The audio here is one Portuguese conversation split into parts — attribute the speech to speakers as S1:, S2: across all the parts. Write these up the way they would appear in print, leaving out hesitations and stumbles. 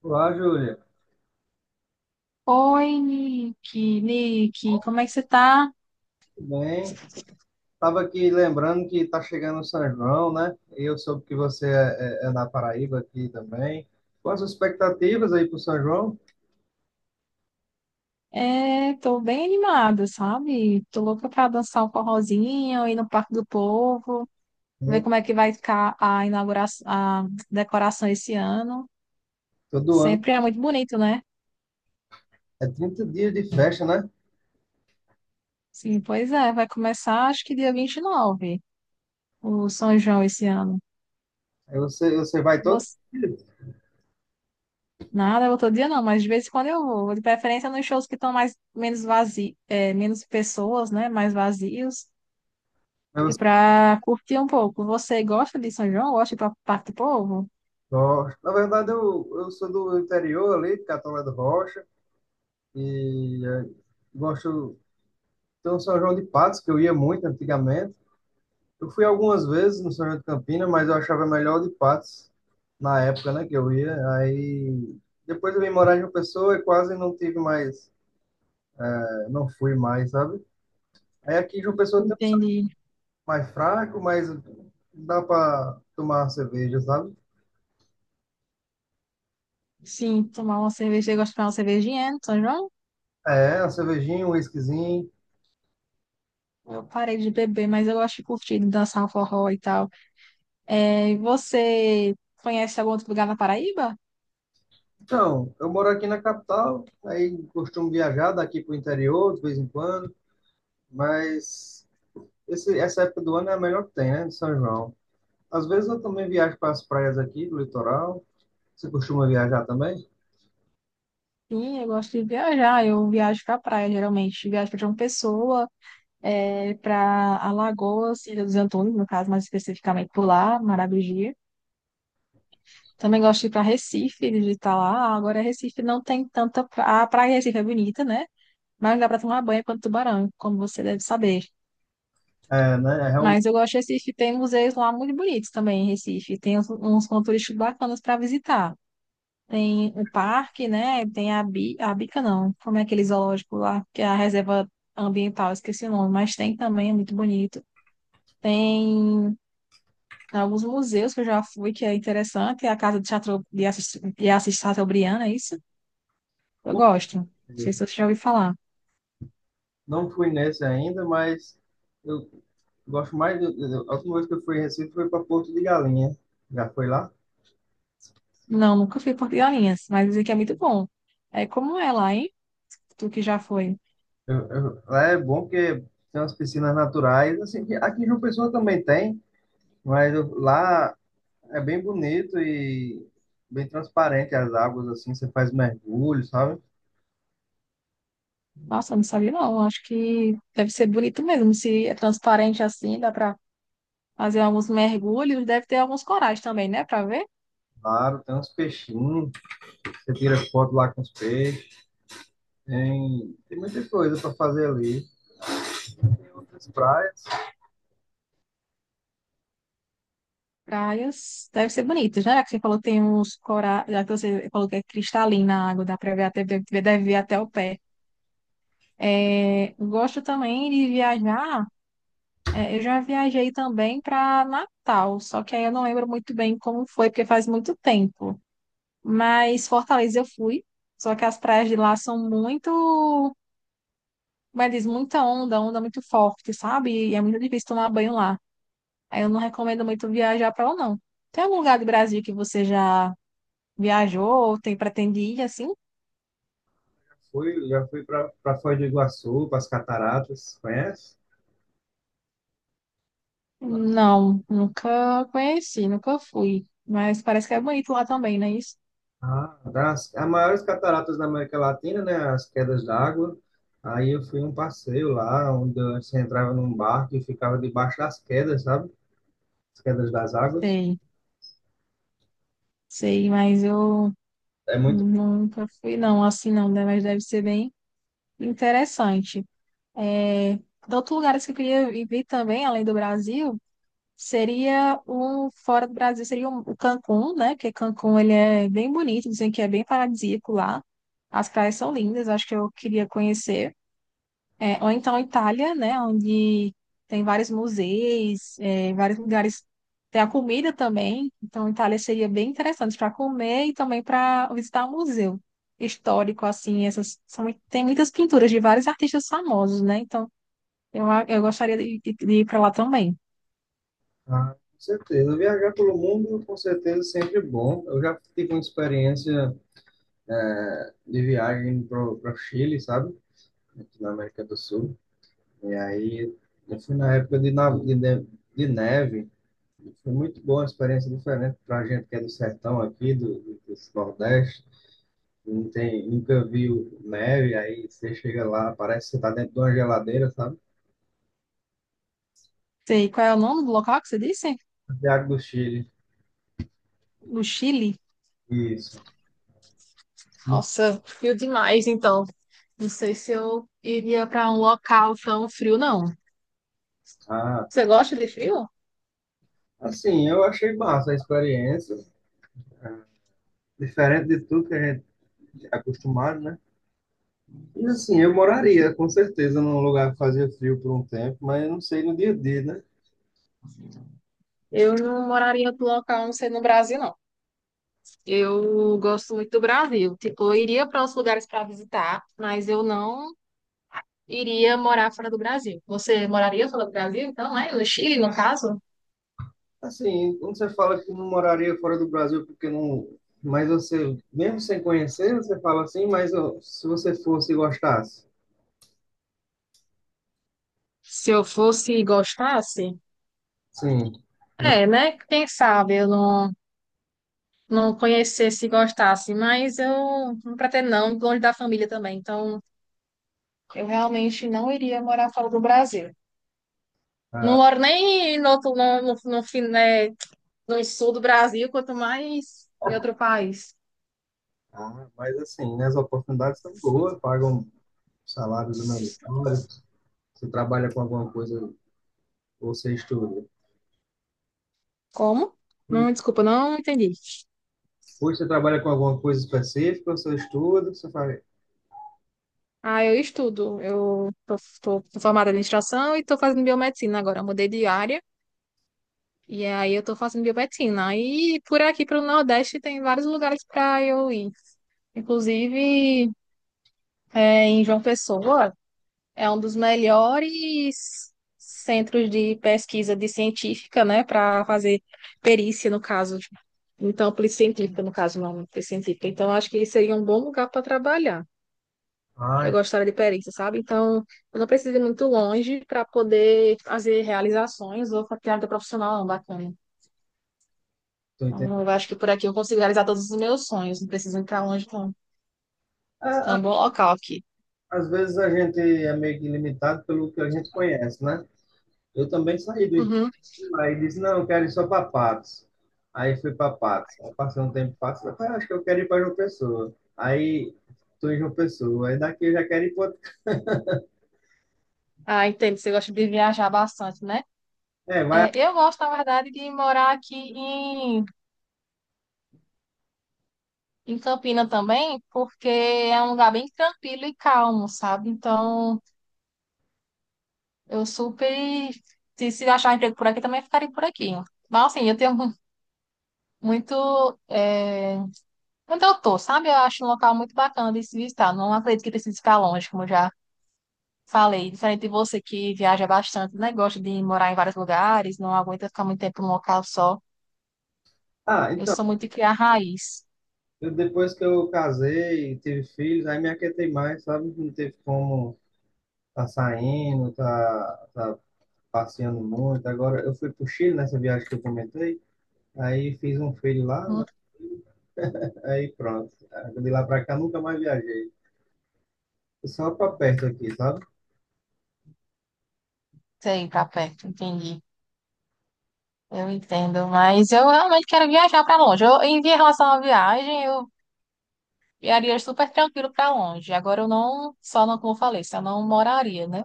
S1: Olá, Júlia.
S2: Oi, Nick, como é que você tá?
S1: Tudo bem? Estava aqui lembrando que está chegando o São João, né? E eu soube que você é da Paraíba aqui também. Quais as expectativas aí para o São João?
S2: É, tô bem animada, sabe? Tô louca pra dançar um forrozinho, ir no Parque do Povo, ver
S1: É,
S2: como é que vai ficar a inauguração, a decoração esse ano.
S1: todo ano.
S2: Sempre é muito bonito, né?
S1: É 30 dias de festa, né?
S2: Sim, pois é, vai começar acho que dia 29, o São João esse ano.
S1: Aí você vai todo
S2: Você...
S1: dia.
S2: Nada, outro dia não, mas de vez em quando eu vou. De preferência nos shows que estão mais menos vazios, menos pessoas, né? Mais vazios,
S1: Aí você
S2: para curtir um pouco. Você gosta de São João? Gosta de ir para parte do povo?
S1: gosta. Na verdade, eu sou do interior ali, de Catolé do Rocha. E é, gosto... Tem um São João de Patos, que eu ia muito antigamente. Eu fui algumas vezes no São João de Campina, mas eu achava melhor o de Patos na época, né, que eu ia. Aí depois eu vim morar em João Pessoa e quase não tive mais, não fui mais, sabe? Aí aqui em João Pessoa tem um
S2: Entende.
S1: mais fraco, mas dá para tomar cerveja, sabe?
S2: Sim, tomar uma cerveja. Eu gosto de tomar uma cervejinha, né, no São João.
S1: É, uma cervejinha, um whiskyzinho.
S2: Eu parei de beber, mas eu gosto de curtir, de dançar um forró e tal. É, você conhece algum outro lugar na Paraíba?
S1: Então, eu moro aqui na capital, aí costumo viajar daqui pro interior de vez em quando, mas essa época do ano é a melhor que tem, né, de São João. Às vezes eu também viajo para as praias aqui do litoral. Você costuma viajar também?
S2: Sim, eu gosto de viajar. Eu viajo para praia, geralmente. Viajo para João Pessoa, é, para Alagoas, Ilha dos Antunes, no caso, mais especificamente por lá, Maragogi. Também gosto de ir para Recife, visitar lá. Agora, Recife não tem tanta. A praia de Recife é bonita, né? Mas não dá para tomar banho quanto tubarão, como você deve saber.
S1: É, né? É realmente,
S2: Mas eu gosto de Recife, tem museus lá muito bonitos também em Recife. Tem uns, pontos turísticos bacanas para visitar. Tem o parque, né? Tem a, Bi, a Bica, não. Como é aquele zoológico lá, que é a reserva ambiental, esqueci o nome. Mas tem também, é muito bonito. Tem alguns museus que eu já fui, que é interessante. É a Casa de Assis Chateaubriand, é isso?
S1: eu
S2: Eu
S1: não
S2: gosto. Não sei
S1: fui
S2: se você já ouviu falar.
S1: não fui nesse ainda, mas eu gosto mais. A última vez que eu fui em Recife foi para Porto de Galinha. Já foi lá?
S2: Não, nunca fui em Porto de Galinhas, mas dizem que é muito bom. É, como é lá, hein? Tu que já foi.
S1: Lá é bom porque tem umas piscinas naturais. Assim, que aqui em João Pessoa também tem, mas lá é bem bonito e bem transparente as águas. Assim, você faz mergulho, sabe?
S2: Nossa, eu não sabia, não. Acho que deve ser bonito mesmo. Se é transparente assim, dá pra fazer alguns mergulhos. Deve ter alguns corais também, né? Pra ver.
S1: Claro, tem uns peixinhos. Você tira foto lá com os peixes. Tem muita coisa para fazer ali. As praias,
S2: Praias deve ser bonitas, né? Já que você falou que tem uns corais. Já que você falou que é cristalina a água, dá pra ver até, deve ver até o pé. É, eu gosto também de viajar. É, eu já viajei também para Natal, só que aí eu não lembro muito bem como foi, porque faz muito tempo. Mas Fortaleza eu fui, só que as praias de lá são muito, como é que diz, muita onda, onda muito forte, sabe? E é muito difícil tomar banho lá. Aí eu não recomendo muito viajar para lá, não. Tem algum lugar do Brasil que você já viajou ou tem pretende ir assim?
S1: já fui para Foz do Iguaçu, para as cataratas, conhece?
S2: Não, nunca conheci, nunca fui. Mas parece que é bonito lá também, não é isso?
S1: Ah, as maiores cataratas da América Latina, né? As quedas d'água. Aí eu fui um passeio lá, onde você entrava num barco e ficava debaixo das quedas, sabe? As quedas das águas.
S2: Sei, sei, mas eu...
S1: É muito.
S2: Nunca fui, não, assim não, né? Mas deve ser bem interessante. É, outro lugar assim que eu queria viver também, além do Brasil, seria o fora do Brasil, seria o Cancún, né? Porque Cancún ele é bem bonito, dizem que é bem paradisíaco lá. As praias são lindas, acho que eu queria conhecer. É, ou então Itália, né, onde tem vários museus, é, vários lugares, tem a comida também, então Itália seria bem interessante para comer e também para visitar um museu histórico, assim, essas são, tem muitas pinturas de vários artistas famosos, né, então eu gostaria de ir para lá também.
S1: Ah, com certeza. Viajar pelo mundo, com certeza, é sempre bom. Eu já tive uma experiência de viagem para o Chile, sabe? Aqui na América do Sul. E aí, eu fui na época de, na- de, ne- de neve. Foi muito boa, uma experiência diferente para a gente que é do sertão aqui, desse Nordeste. Não tem, nunca viu neve, aí você chega lá, parece que você está dentro de uma geladeira, sabe?
S2: Sei, qual é o nome do local que você disse?
S1: Santiago do Chile.
S2: No Chile?
S1: Isso.
S2: Nossa, frio demais, então. Não sei se eu iria para um local tão frio, não.
S1: Ah,
S2: Você gosta de frio?
S1: assim, eu achei massa a experiência, diferente de tudo que a gente é acostumado, né? E assim, eu moraria com certeza num lugar que fazia frio por um tempo, mas eu não sei no dia a dia, né?
S2: Eu não moraria em outro local, a não ser no Brasil, não. Eu gosto muito do Brasil. Tipo, eu iria para outros lugares para visitar, mas eu não iria morar fora do Brasil. Você moraria fora do Brasil, então, né? No Chile, no caso?
S1: Assim, quando você fala que não moraria fora do Brasil porque não. Mas você, mesmo sem conhecer, você fala assim, mas ó, se você fosse e gostasse.
S2: Se eu fosse e gostasse?
S1: Sim. No-
S2: É, né? Quem sabe eu não, não conhecesse e gostasse, mas eu não pretendo, não, longe da família também. Então, eu realmente não iria morar fora do Brasil. Não
S1: ah,
S2: moro nem no outro, no fim, né? No sul do Brasil, quanto mais em outro país.
S1: ah, mas assim, né, as oportunidades são boas, pagam salários humanitários, você trabalha com alguma coisa ou você estuda.
S2: Como?
S1: Ou
S2: Não, desculpa, não entendi.
S1: você trabalha com alguma coisa específica, ou você estuda, você fala,
S2: Ah, eu estudo. Eu tô, tô formada em administração e tô fazendo biomedicina agora. Eu mudei de área e aí eu tô fazendo biomedicina. E por aqui, pro Nordeste, tem vários lugares para eu ir. Inclusive, é, em João Pessoa, é um dos melhores centros de pesquisa de científica, né, para fazer perícia, no caso. Tipo, então, polícia científica, no caso, não, polícia científica. Então, acho que seria um bom lugar para trabalhar. Eu
S1: ah,
S2: gostaria de perícia, sabe? Então, eu não preciso ir muito longe para poder fazer realizações ou ter área profissional não, bacana.
S1: tô entendendo.
S2: Então, eu acho que por aqui eu consigo realizar todos os meus sonhos, não preciso ir para longe, não.
S1: Ah,
S2: É
S1: ah,
S2: um bom local aqui.
S1: às vezes a gente é meio que limitado pelo que a gente conhece, né? Eu também saí do
S2: Uhum.
S1: aí disse, não, eu quero ir só para Patos. Aí fui para Patos. Aí passei um tempo em Patos, eu falei, ah, acho que eu quero ir para João Pessoa. Aí tô em João Pessoa, aí daqui eu já quero ir para outro.
S2: Ah, entendo, você gosta de viajar bastante, né?
S1: É, vai...
S2: É, eu gosto, na verdade, de morar aqui em, em Campina também, porque é um lugar bem tranquilo e calmo, sabe? Então, eu super. Se achar emprego por aqui, também ficaria por aqui. Mas, assim, eu tenho muito. É, onde eu tô, sabe? Eu acho um local muito bacana de se visitar. Não acredito que precise ficar longe, como eu já falei. Diferente de você que viaja bastante, né? Gosta de morar em vários lugares, não aguenta ficar muito tempo num local só.
S1: Ah,
S2: Eu
S1: então,
S2: sou muito de criar raiz.
S1: eu, depois que eu casei, tive filhos, aí me aquietei mais, sabe? Não teve como tá saindo, tá passeando muito. Agora, eu fui pro Chile nessa viagem que eu comentei, aí fiz um filho lá, né?
S2: Não
S1: Aí pronto. De lá para cá, nunca mais viajei. Só para perto aqui, sabe?
S2: sei, ir pra perto, entendi. Eu entendo, mas eu realmente quero viajar para longe. Eu, em relação à viagem, eu viajaria super tranquilo para longe. Agora eu não, só não, como eu falei, só não moraria, né?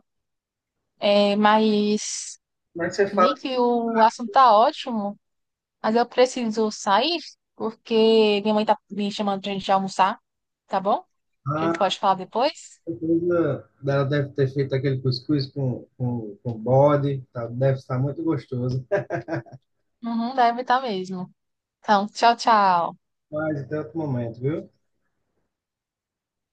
S2: É, mas,
S1: Mas você fala,
S2: Nick, o assunto tá ótimo, mas eu preciso sair porque minha mãe tá me chamando pra gente almoçar, tá bom? A gente
S1: ah,
S2: pode falar depois?
S1: certeza ela deve ter feito aquele cuscuz com bode, tá? Deve estar muito gostoso.
S2: Uhum, deve estar mesmo. Então, tchau, tchau.
S1: Mas até outro momento, viu?